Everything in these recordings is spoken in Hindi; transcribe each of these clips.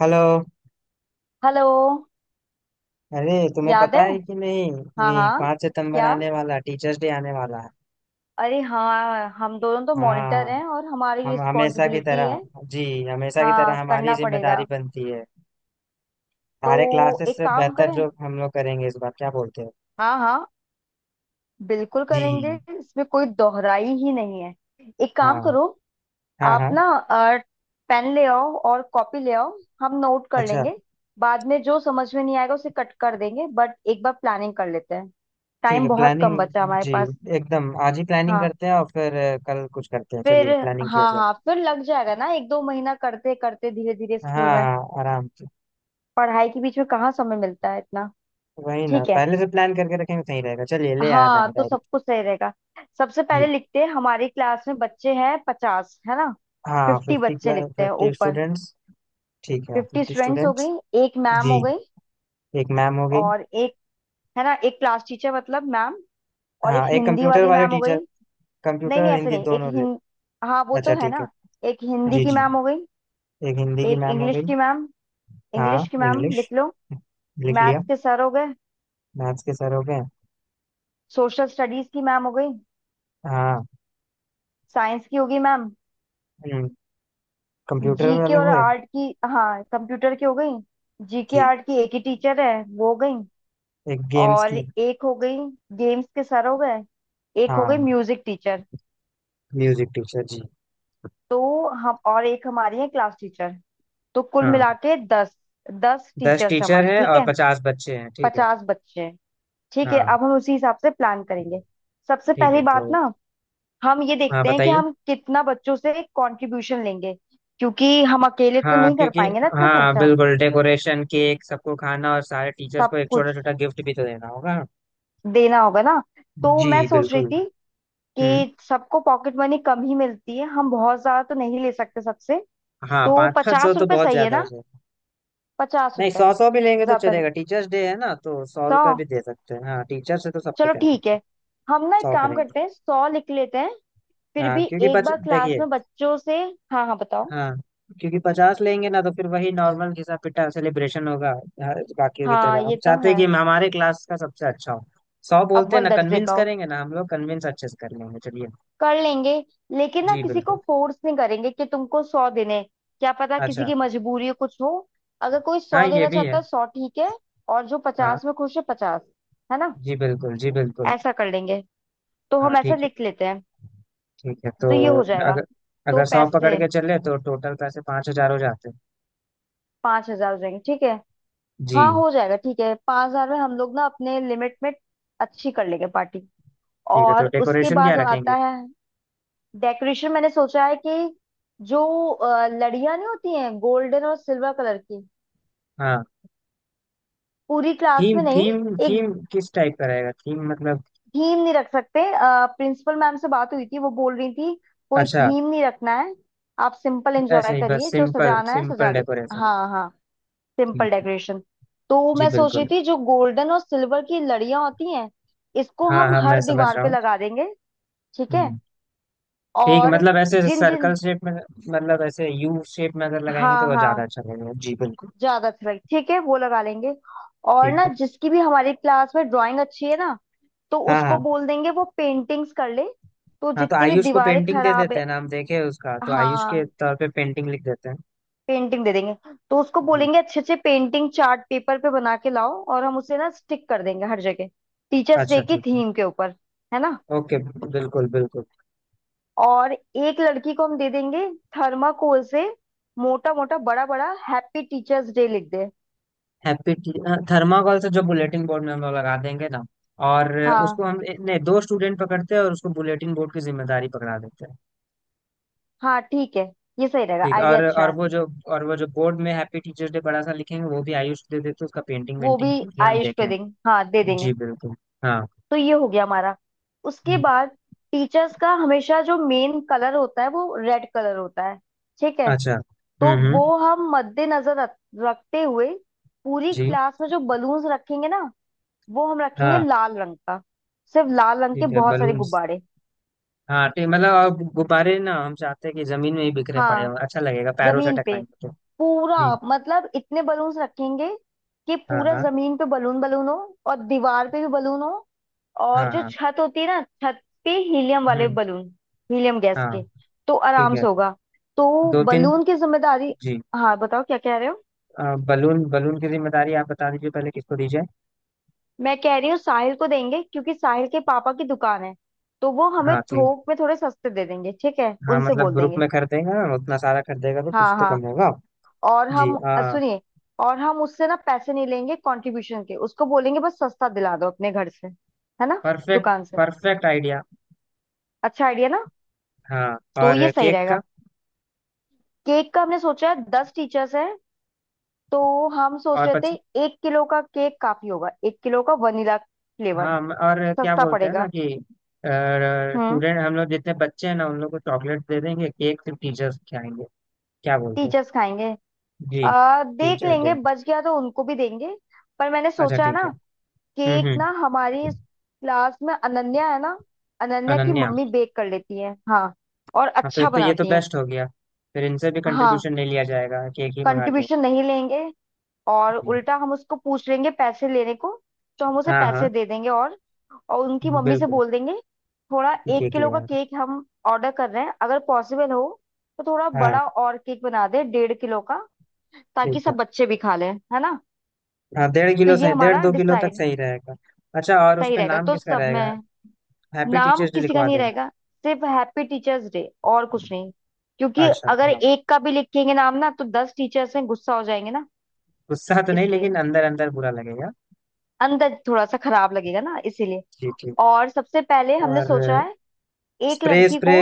हेलो। हेलो। अरे, तुम्हें याद पता है। है कि नहीं? हाँ, ये हाँ। 5 सितंबर क्या? आने वाला टीचर्स डे आने वाला है। अरे हाँ, हम दोनों तो हाँ। मॉनिटर हैं और हमारी हम हमेशा की रिस्पॉन्सिबिलिटी तरह। है। जी। हमेशा की हाँ, तरह हमारी करना जिम्मेदारी पड़ेगा। बनती है। तो सारे क्लासेस एक से काम बेहतर करें। जो हम लोग करेंगे इस बार, क्या बोलते हो? हाँ, हाँ, बिल्कुल करेंगे। जी। इसमें कोई दोहराई ही नहीं है। एक काम हाँ, करो। हाँ। आप हाँ। ना पेन ले आओ और कॉपी ले आओ, हम नोट कर अच्छा, लेंगे। बाद में जो समझ में नहीं आएगा उसे कट कर देंगे, बट एक बार प्लानिंग कर लेते हैं। ठीक है। टाइम बहुत प्लानिंग। कम बचा हमारे जी। पास। एकदम आज ही प्लानिंग हाँ। करते हैं, और फिर कल कुछ करते हैं। चलिए, फिर। प्लानिंग किया हाँ, जाए। हाँ, फिर लग जाएगा ना, एक दो महीना करते करते धीरे धीरे हाँ, स्कूल में। हाँ, आराम से। पढ़ाई के बीच में कहाँ समय मिलता है इतना। वही ना, ठीक है। पहले से प्लान करके रखेंगे, सही रहेगा। चलिए, ले आया हाँ, मैंने तो डायरी। सब कुछ सही रहेगा। सबसे जी। पहले लिखते हैं, हमारी क्लास में बच्चे हैं 50, है ना? हाँ, 50 फिफ्टी बच्चे लिखते हैं फिफ्टी ऊपर। स्टूडेंट्स ठीक है, 50 फिफ्टी स्टूडेंट्स हो स्टूडेंट्स गई। एक मैम जी। हो गई। एक मैम हो गई। और एक, है ना, एक क्लास टीचर मतलब मैम। और एक हाँ, एक हिंदी कंप्यूटर वाली वाले मैम हो गई। टीचर। कंप्यूटर नहीं, नहीं, और ऐसे हिंदी नहीं। एक दोनों ले। हिंद हाँ वो तो अच्छा, है ठीक है। ना। एक हिंदी जी, की जी। मैम हो गई। एक हिंदी की एक मैम हो इंग्लिश गई। की मैम। हाँ, इंग्लिश की मैम इंग्लिश। लिख लो। लिख लिया। मैथ्स के सर हो गए। मैथ्स के सर हो गए। सोशल स्टडीज की मैम हो गई। हाँ। साइंस की होगी मैम। हम्म। कंप्यूटर जीके वाले और हुए। आर्ट की, हाँ, कंप्यूटर की हो गई, जीके जी। आर्ट की एक ही टीचर है, वो हो गई। एक गेम्स और की। एक हो गई। गेम्स के सर हो गए। एक हो गई हाँ। Music teacher. Music teacher. जी। तो हम, और एक हमारी है क्लास टीचर। तो कुल हाँ, मिला के 10। 10 दस टीचर्स हैं टीचर हमारे, हैं ठीक और है। पचास बच्चे हैं ठीक है। 50 बच्चे हैं। ठीक है, हाँ। अब हम उसी हिसाब से प्लान करेंगे। सबसे ठीक है, पहली तो। बात ना, हम ये हाँ, देखते हैं कि बताइए। हम कितना बच्चों से कंट्रीब्यूशन लेंगे। क्योंकि हम अकेले तो हाँ, नहीं कर क्योंकि। पाएंगे ना इतना हाँ, खर्चा। बिल्कुल। डेकोरेशन, केक, सबको खाना, और सारे टीचर्स सब को एक छोटा कुछ छोटा गिफ्ट भी तो देना होगा। देना होगा ना। तो जी, मैं सोच रही बिल्कुल। थी हम्म। कि सबको पॉकेट मनी कम ही मिलती है, हम बहुत ज्यादा तो नहीं ले सकते सबसे। हाँ, तो 500, 500 पचास तो रुपए बहुत सही है ज्यादा हो ना? जाएगा। पचास नहीं, रुपए 100, 100 भी लेंगे तो ज्यादा नहीं। चलेगा। टीचर्स डे है ना, तो सौ 100, रुपये भी दे सकते हैं। हाँ, टीचर से तो सबको चलो क्या ठीक होता है? है। हम ना एक सौ काम करेंगे करते हैं, 100 लिख लेते हैं। फिर हाँ, भी क्योंकि एक पच बार क्लास देखिए। में बच्चों से। हाँ, हाँ, बताओ। हाँ, क्योंकि 50 लेंगे ना तो फिर वही नॉर्मल घिसा पिटा सेलिब्रेशन होगा। बाकियों की हाँ, तरह हम ये तो चाहते हैं है। कि हमारे क्लास का सबसे अच्छा हो। 100 बोलते हैं अव्वल ना, दर्जे कन्विंस का हो, करेंगे ना, हम लोग कन्विंस अच्छे से कर लेंगे, चलिए। कर लेंगे। लेकिन ना जी, किसी को बिल्कुल। फोर्स नहीं करेंगे कि तुमको 100 देने हैं। क्या पता किसी अच्छा, की मजबूरी हो, कुछ हो। अगर कोई हाँ, 100 ये देना भी चाहता है। है, 100 ठीक है। और जो हाँ। 50 में खुश है, 50। है ना? जी, बिल्कुल। जी, बिल्कुल। ऐसा कर लेंगे। तो हाँ, हम ऐसा ठीक है। लिख लेते हैं। ठीक है, तो। तो ये हो जाएगा। अगर, तो सौ पकड़ पैसे के चले तो टोटल पैसे 5,000 हो जाते हैं। 5,000 हो जाएंगे, ठीक है। जी। हाँ, हो जाएगा। ठीक है, 5,000 में हम लोग ना अपने लिमिट में अच्छी कर लेंगे पार्टी। ठीक है, तो और उसके डेकोरेशन क्या बाद रखेंगे? आता है डेकोरेशन। मैंने सोचा है कि जो लड़ियां नहीं होती हैं गोल्डन और सिल्वर कलर की, हाँ। पूरी क्लास थीम, में। नहीं, थीम, एक थीम किस टाइप का रहेगा, थीम मतलब। थीम नहीं रख सकते। प्रिंसिपल मैम से बात हुई थी, वो बोल रही थी कोई अच्छा। थीम नहीं रखना है। आप सिंपल एंजॉय ऐसे ही बस करिए, जो सिंपल सजाना है सजा सिंपल ले। डेकोरेशन। हाँ, हाँ, सिंपल ठीक है। डेकोरेशन। तो जी, मैं सोच रही बिल्कुल। थी जो गोल्डन और सिल्वर की लड़ियां होती हैं, इसको हाँ, हम हाँ, मैं हर समझ दीवार रहा पे हूँ। लगा देंगे, ठीक है। हम्म। ठीक है, और मतलब ऐसे जिन सर्कल जिन, शेप में, मतलब ऐसे यू शेप में अगर लगाएंगे तो हाँ, वो ज्यादा हाँ, अच्छा लगेगा। जी, बिल्कुल। ज्यादा अच्छा लगे ठीक है वो लगा लेंगे। और ठीक ना, है। जिसकी भी हमारी क्लास में ड्राइंग अच्छी है ना, तो हाँ, उसको हाँ। बोल देंगे वो पेंटिंग्स कर ले। तो हाँ, तो जितनी भी आयुष को दीवारें पेंटिंग दे खराब देते है। हैं। नाम देखे उसका, तो आयुष के हाँ, तौर पे पेंटिंग लिख देते हैं। पेंटिंग दे देंगे। तो उसको जी। बोलेंगे अच्छे अच्छे पेंटिंग चार्ट पेपर पे बना के लाओ, और हम उसे ना स्टिक कर देंगे हर जगह, टीचर्स अच्छा, डे की ठीक है। थीम के ऊपर, है ना। ओके। बिल्कुल, बिल्कुल। और एक लड़की को हम दे देंगे, थर्माकोल से मोटा मोटा बड़ा बड़ा हैप्पी टीचर्स डे लिख दे। हैप्पी। थर्माकोल से जो बुलेटिन बोर्ड में हम लोग लगा देंगे ना। और, उसको हाँ, हम नहीं, दो स्टूडेंट पकड़ते हैं और उसको बुलेटिन बोर्ड की जिम्मेदारी पकड़ा देते हैं। हाँ, ठीक है, ये सही रहेगा, ठीक। आइडिया और अच्छा और है। वो जो और वो जो बोर्ड में हैप्पी टीचर्स डे बड़ा सा लिखेंगे वो भी आयुष दे देते हैं, उसका पेंटिंग वो भी वेंटिंग की है हम आयुष पे देखें। देंगे, हाँ दे जी, देंगे। बिल्कुल। हाँ। तो ये हो गया हमारा। उसके हम्म। बाद टीचर्स का हमेशा जो मेन कलर होता है वो रेड कलर होता है, ठीक है। अच्छा। तो हम्म, वो हम्म। हम मद्देनजर रखते हुए पूरी जी। क्लास में जो बलून्स रखेंगे ना, वो हम रखेंगे हाँ, लाल रंग का, सिर्फ लाल रंग के ठीक है। बहुत सारे बलून। गुब्बारे। हाँ, ठीक। मतलब अब गुब्बारे ना, हम चाहते हैं कि जमीन में ही बिखरे पड़े हाँ, हों, अच्छा लगेगा पैरों से जमीन पे टकराएंगे तो। पूरा। जी। मतलब इतने बलून्स रखेंगे कि हाँ, पूरा हाँ। जमीन पे बलून बलून हो, और दीवार पे भी बलून हो। और हाँ। जो हाँ। छत होती है ना, छत पे हीलियम वाले हम्म। बलून, हीलियम गैस हाँ। के, तो ठीक आराम है, से होगा। तो दो तीन। बलून की जिम्मेदारी। जी। हाँ, बताओ, क्या कह रहे हो? अ, बलून बलून की जिम्मेदारी आप बता दीजिए, पहले किसको दीजिए? मैं कह रही हूँ साहिल को देंगे, क्योंकि साहिल के पापा की दुकान है, तो वो हमें हाँ, ठीक। थोक में थोड़े सस्ते दे देंगे, ठीक है, हाँ, उनसे मतलब बोल ग्रुप देंगे। में कर देगा, उतना सारा कर देगा तो कुछ हाँ, तो कम हाँ, होगा। और जी, हम हाँ। सुनिए, और हम उससे ना पैसे नहीं लेंगे कंट्रीब्यूशन के, उसको बोलेंगे बस सस्ता दिला दो अपने घर से, है ना, परफेक्ट। दुकान से। Perfect idea. अच्छा आइडिया ना, हाँ। तो ये और सही केक का। रहेगा। केक का हमने सोचा है 10 टीचर्स हैं, तो हम सोच और रहे थे पच, 1 किलो का केक काफी होगा, 1 किलो का वनीला फ्लेवर, हाँ, और क्या सस्ता बोलते हैं ना पड़ेगा। कि हम्म। स्टूडेंट, हम लोग जितने बच्चे हैं ना उन लोग को चॉकलेट दे देंगे, केक सिर्फ टीचर्स खिलाएंगे। क्या बोलते हैं? टीचर्स खाएंगे। जी। देख टीचर्स लेंगे, डे। बच गया तो उनको भी देंगे। पर मैंने अच्छा, सोचा है ठीक ना, है। हम्म, केक हम्म। ना, हमारी क्लास में अनन्या है ना, अनन्या की अनन्या। मम्मी बेक कर लेती है, हाँ, और हाँ, फिर अच्छा तो ये तो बनाती हैं। बेस्ट हो गया। फिर इनसे भी हाँ, कंट्रीब्यूशन नहीं लिया जाएगा, केक ही मंगा लिया। कंट्रीब्यूशन नहीं लेंगे, और जी। उल्टा हम उसको पूछ लेंगे पैसे लेने को। तो हम उसे हाँ, हाँ। पैसे दे देंगे, और उनकी मम्मी से बिल्कुल। बोल देंगे, थोड़ा एक केक किलो ले का आए। केक हम ऑर्डर कर रहे हैं, अगर पॉसिबल हो तो थोड़ा हाँ। बड़ा और केक बना दे, 1.5 किलो का, ताकि ठीक है। सब बच्चे भी खा लें, है ना। हाँ, डेढ़ तो किलो ये सही, डेढ़ हमारा दो किलो तक डिसाइड, सही रहेगा। अच्छा, और उस सही पे रहेगा। नाम तो किसका सब रहेगा? में हैप्पी नाम टीचर्स डे किसी का लिखवा नहीं देंगे। रहेगा, सिर्फ हैप्पी टीचर्स डे और कुछ नहीं। क्योंकि अच्छा, अगर हाँ, एक का भी लिखेंगे नाम ना, तो 10 टीचर्स में गुस्सा हो जाएंगे ना। गुस्सा तो नहीं इसलिए लेकिन अंदर अंदर बुरा लगेगा। अंदर थोड़ा सा खराब लगेगा ना, इसीलिए। जी, ठीक। और सबसे पहले हमने सोचा और है एक स्प्रे, लड़की स्प्रे। को।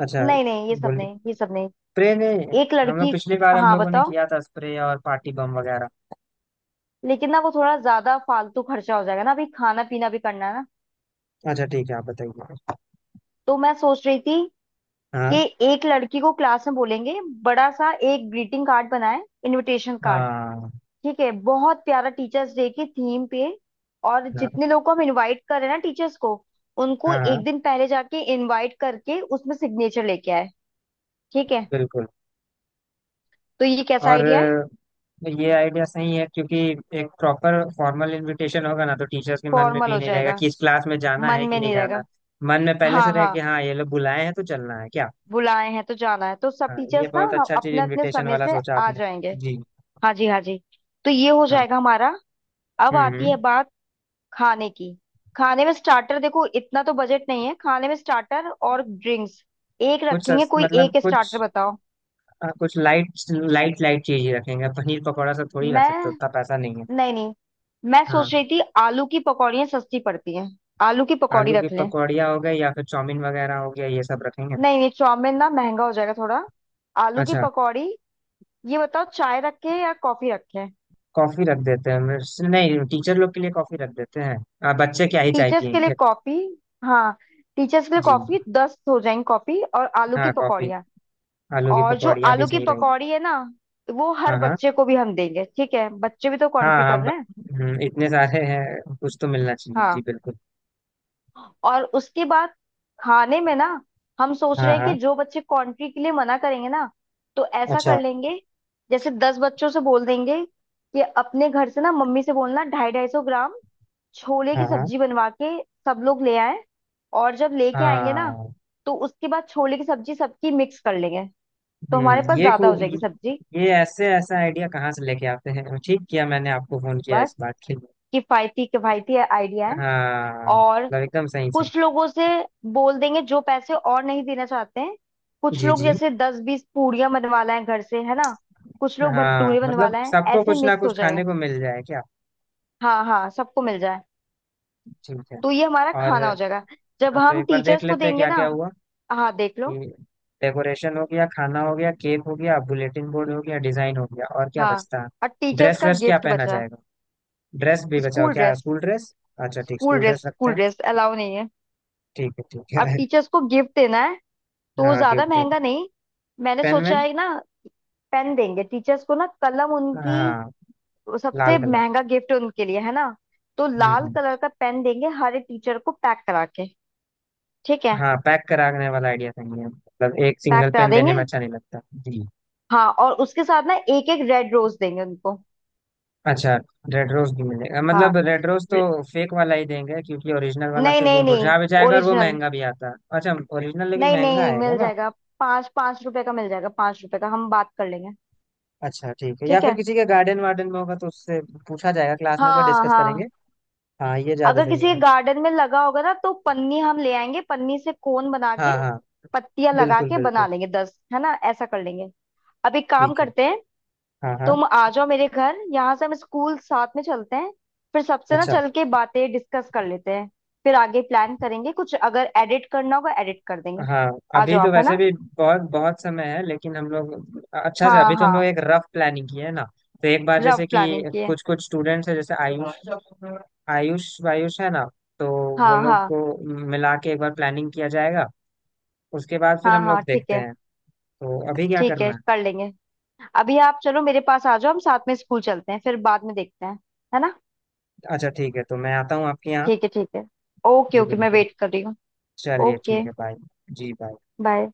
अच्छा। नहीं, नहीं, ये सब बोल। नहीं, ये सब नहीं। स्प्रे ने, एक हम लोग लड़की। पिछली बार हम हाँ, लोगों ने बताओ। किया था स्प्रे और पार्टी बम वगैरह। लेकिन ना वो थोड़ा ज्यादा फालतू खर्चा हो जाएगा ना, अभी खाना पीना भी करना है ना। अच्छा, ठीक है, आप बताइए। तो मैं सोच रही थी कि हाँ। एक लड़की को क्लास में बोलेंगे बड़ा सा एक ग्रीटिंग कार्ड बनाए, इनविटेशन कार्ड, हाँ। ठीक है, बहुत प्यारा, टीचर्स डे की थीम पे। और हाँ, जितने लोगों को हम इनवाइट कर रहे हैं ना टीचर्स को, उनको हाँ। हाँ, एक दिन पहले जाके इनवाइट करके उसमें सिग्नेचर लेके आए, ठीक है। बिल्कुल। तो ये कैसा और आइडिया है? ये आइडिया सही है, क्योंकि एक प्रॉपर फॉर्मल इनविटेशन होगा ना, तो टीचर्स के मन में फॉर्मल भी हो नहीं रहेगा जाएगा, कि इस क्लास में जाना मन है कि में नहीं नहीं जाना। रहेगा। मन में पहले से हाँ, रहे हाँ, कि हाँ ये लोग बुलाए हैं तो चलना है क्या? बुलाए हैं तो जाना है, तो सब हाँ, ये टीचर्स ना बहुत हम अच्छा चीज अपने अपने इनविटेशन समय वाला से सोचा आ आपने। जाएंगे। जी। हाँ जी, हाँ जी। तो ये हो हाँ। जाएगा हमारा। अब हम्म, हम्म। आती है बात खाने की। खाने में स्टार्टर, देखो इतना तो बजट नहीं है, खाने में स्टार्टर और ड्रिंक्स, एक रखेंगे, कोई मतलब एक कुछ, स्टार्टर बताओ। हाँ, कुछ लाइट, लाइट, लाइट चीज ही रखेंगे। पनीर पकौड़ा सब थोड़ी रख मैं सकते, उतना पैसा नहीं है। नहीं, नहीं, मैं हाँ। सोच रही थी आलू की पकौड़ियाँ सस्ती पड़ती हैं, आलू की पकौड़ी आलू की रख लें। पकौड़िया हो गए, या फिर चाउमीन वगैरह हो गया, ये सब रखेंगे। नहीं, ये चाउमीन ना महंगा हो जाएगा थोड़ा, आलू की अच्छा। पकौड़ी। ये बताओ, चाय रखें या कॉफी रखें? कॉफी रख देते हैं, नहीं, टीचर लोग के लिए कॉफी रख देते हैं। बच्चे क्या ही चाय टीचर्स के लिए पियेंगे। कॉफी। हाँ, टीचर्स के लिए जी, कॉफी, 10 हो जाएंगी कॉफी और आलू की हाँ, कॉफी। पकौड़ियाँ। आलू की और जो पकौड़िया भी आलू की सही रहेगी। पकौड़ी है ना, वो हर हाँ, हाँ। बच्चे को भी हम देंगे, ठीक है, बच्चे भी तो हाँ, कंट्री हाँ, कर रहे हैं। इतने सारे हैं कुछ तो मिलना चाहिए। जी, हाँ। बिल्कुल। और उसके बाद खाने में ना हम सोच हाँ, रहे हैं हाँ। कि जो बच्चे कंट्री के लिए मना करेंगे ना, तो ऐसा अच्छा। कर लेंगे, जैसे 10 बच्चों से बोल देंगे कि अपने घर से ना मम्मी से बोलना 250-250 ग्राम छोले हाँ, की हाँ। सब्जी बनवा के सब लोग ले आए। और जब लेके आएंगे ना, हाँ। तो उसके बाद छोले की सब्जी सबकी मिक्स कर लेंगे, तो हमारे पास ये को ज्यादा हो जाएगी सब्जी। ये ऐसे ऐसा आइडिया कहाँ से लेके आते हैं? ठीक किया मैंने आपको फोन किया बस, इस बात के लिए। किफायती किफायती आइडिया है। हाँ, और मतलब एकदम सही, सही। कुछ लोगों से बोल देंगे जो पैसे और नहीं देना चाहते हैं, कुछ जी, लोग जी। जैसे 10-20 पूड़ियां बनवा लाएं घर से, है ना, कुछ लोग हाँ, भटूरे बनवा मतलब लाएं, सबको ऐसे कुछ ना मिक्स कुछ हो जाएगा। खाने को मिल जाए क्या? हाँ, हाँ, सबको मिल जाए। ठीक है। तो ये हमारा और, खाना हो जाएगा। जब हाँ, तो हम एक बार देख टीचर्स को लेते हैं देंगे क्या क्या ना, हुआ हाँ, देख कि लो। डेकोरेशन हो गया, खाना हो गया, केक हो गया, बुलेटिन बोर्ड हो गया, डिजाइन हो गया, और क्या हाँ, बचता और है? टीचर्स ड्रेस का व्रेस क्या गिफ्ट पहना बचा है। जाएगा? ड्रेस भी बचाओ स्कूल क्या, ड्रेस, स्कूल ड्रेस। अच्छा, ठीक, स्कूल स्कूल ड्रेस। ड्रेस रखते स्कूल हैं। ड्रेस अलाउ नहीं है। ठीक है, ठीक अब है। टीचर्स को गिफ्ट देना है, तो हाँ, ज्यादा गिफ्ट। महंगा नहीं। मैंने पेन सोचा वेन। है ना, पेन देंगे टीचर्स को ना, कलम उनकी, हाँ, वो सबसे लाल कलर। महंगा गिफ्ट उनके लिए है ना, तो हम्म, लाल कलर का पेन देंगे हर एक टीचर को पैक करा के, ठीक है, हाँ, पैक कराने वाला आइडिया सही है, मतलब एक पैक सिंगल करा पेन देने देंगे। में अच्छा नहीं लगता। जी। हाँ, और उसके साथ ना एक एक रेड रोज देंगे उनको। अच्छा। रेड रोज भी मिलेगा, हाँ, मतलब रेड रोज तो रे- फेक वाला ही देंगे क्योंकि ओरिजिनल वाला नहीं, फिर वो नहीं, नहीं, मुरझा भी जाएगा और वो ओरिजिनल। महंगा भी आता है। अच्छा, ओरिजिनल लेकिन नहीं, महंगा नहीं, आएगा मिल ना? जाएगा, ₹5-5 का मिल जाएगा, ₹5 का हम बात कर लेंगे, अच्छा, ठीक है, या ठीक फिर है। किसी के गार्डन वार्डन में होगा तो उससे पूछा जाएगा, क्लास में एक बार हाँ, डिस्कस करेंगे। हाँ, हाँ, ये ज्यादा अगर सही किसी के रहेगा। गार्डन में लगा होगा ना, तो पन्नी हम ले आएंगे, पन्नी से कोन बना के हाँ, हाँ। पत्तियां लगा बिल्कुल, के बना बिल्कुल। लेंगे, 10 है ना, ऐसा कर लेंगे। अब एक काम ठीक है। करते हैं, हाँ, हाँ। तुम आ जाओ मेरे घर, यहाँ से हम स्कूल साथ में चलते हैं, फिर सबसे ना अच्छा, चल के बातें डिस्कस कर लेते हैं, फिर आगे प्लान करेंगे, कुछ अगर एडिट करना होगा एडिट कर देंगे। हाँ। आ अभी जाओ तो आप, है वैसे ना। भी बहुत बहुत समय है, लेकिन हम लोग अच्छा से, हाँ, अभी तो हम लोग हाँ, एक रफ प्लानिंग की है ना। तो एक बार रफ जैसे कि प्लानिंग की है। कुछ कुछ स्टूडेंट्स है जैसे आयुष, आयुष वायुष है ना। तो वो हाँ, लोग हाँ, को मिला के एक बार प्लानिंग किया जाएगा। उसके बाद फिर हाँ, हम हाँ, लोग ठीक देखते है, हैं। तो अभी क्या ठीक करना है, है? कर लेंगे। अभी आप चलो मेरे पास आ जाओ, हम साथ में स्कूल चलते हैं फिर बाद में देखते हैं, है ना। अच्छा, ठीक है, तो मैं आता हूँ आपके यहाँ। ठीक है, ठीक है। ओके, जी, ओके, मैं बिल्कुल। वेट कर रही हूँ। चलिए, ओके, ठीक है, बाय। जी, बाय। बाय।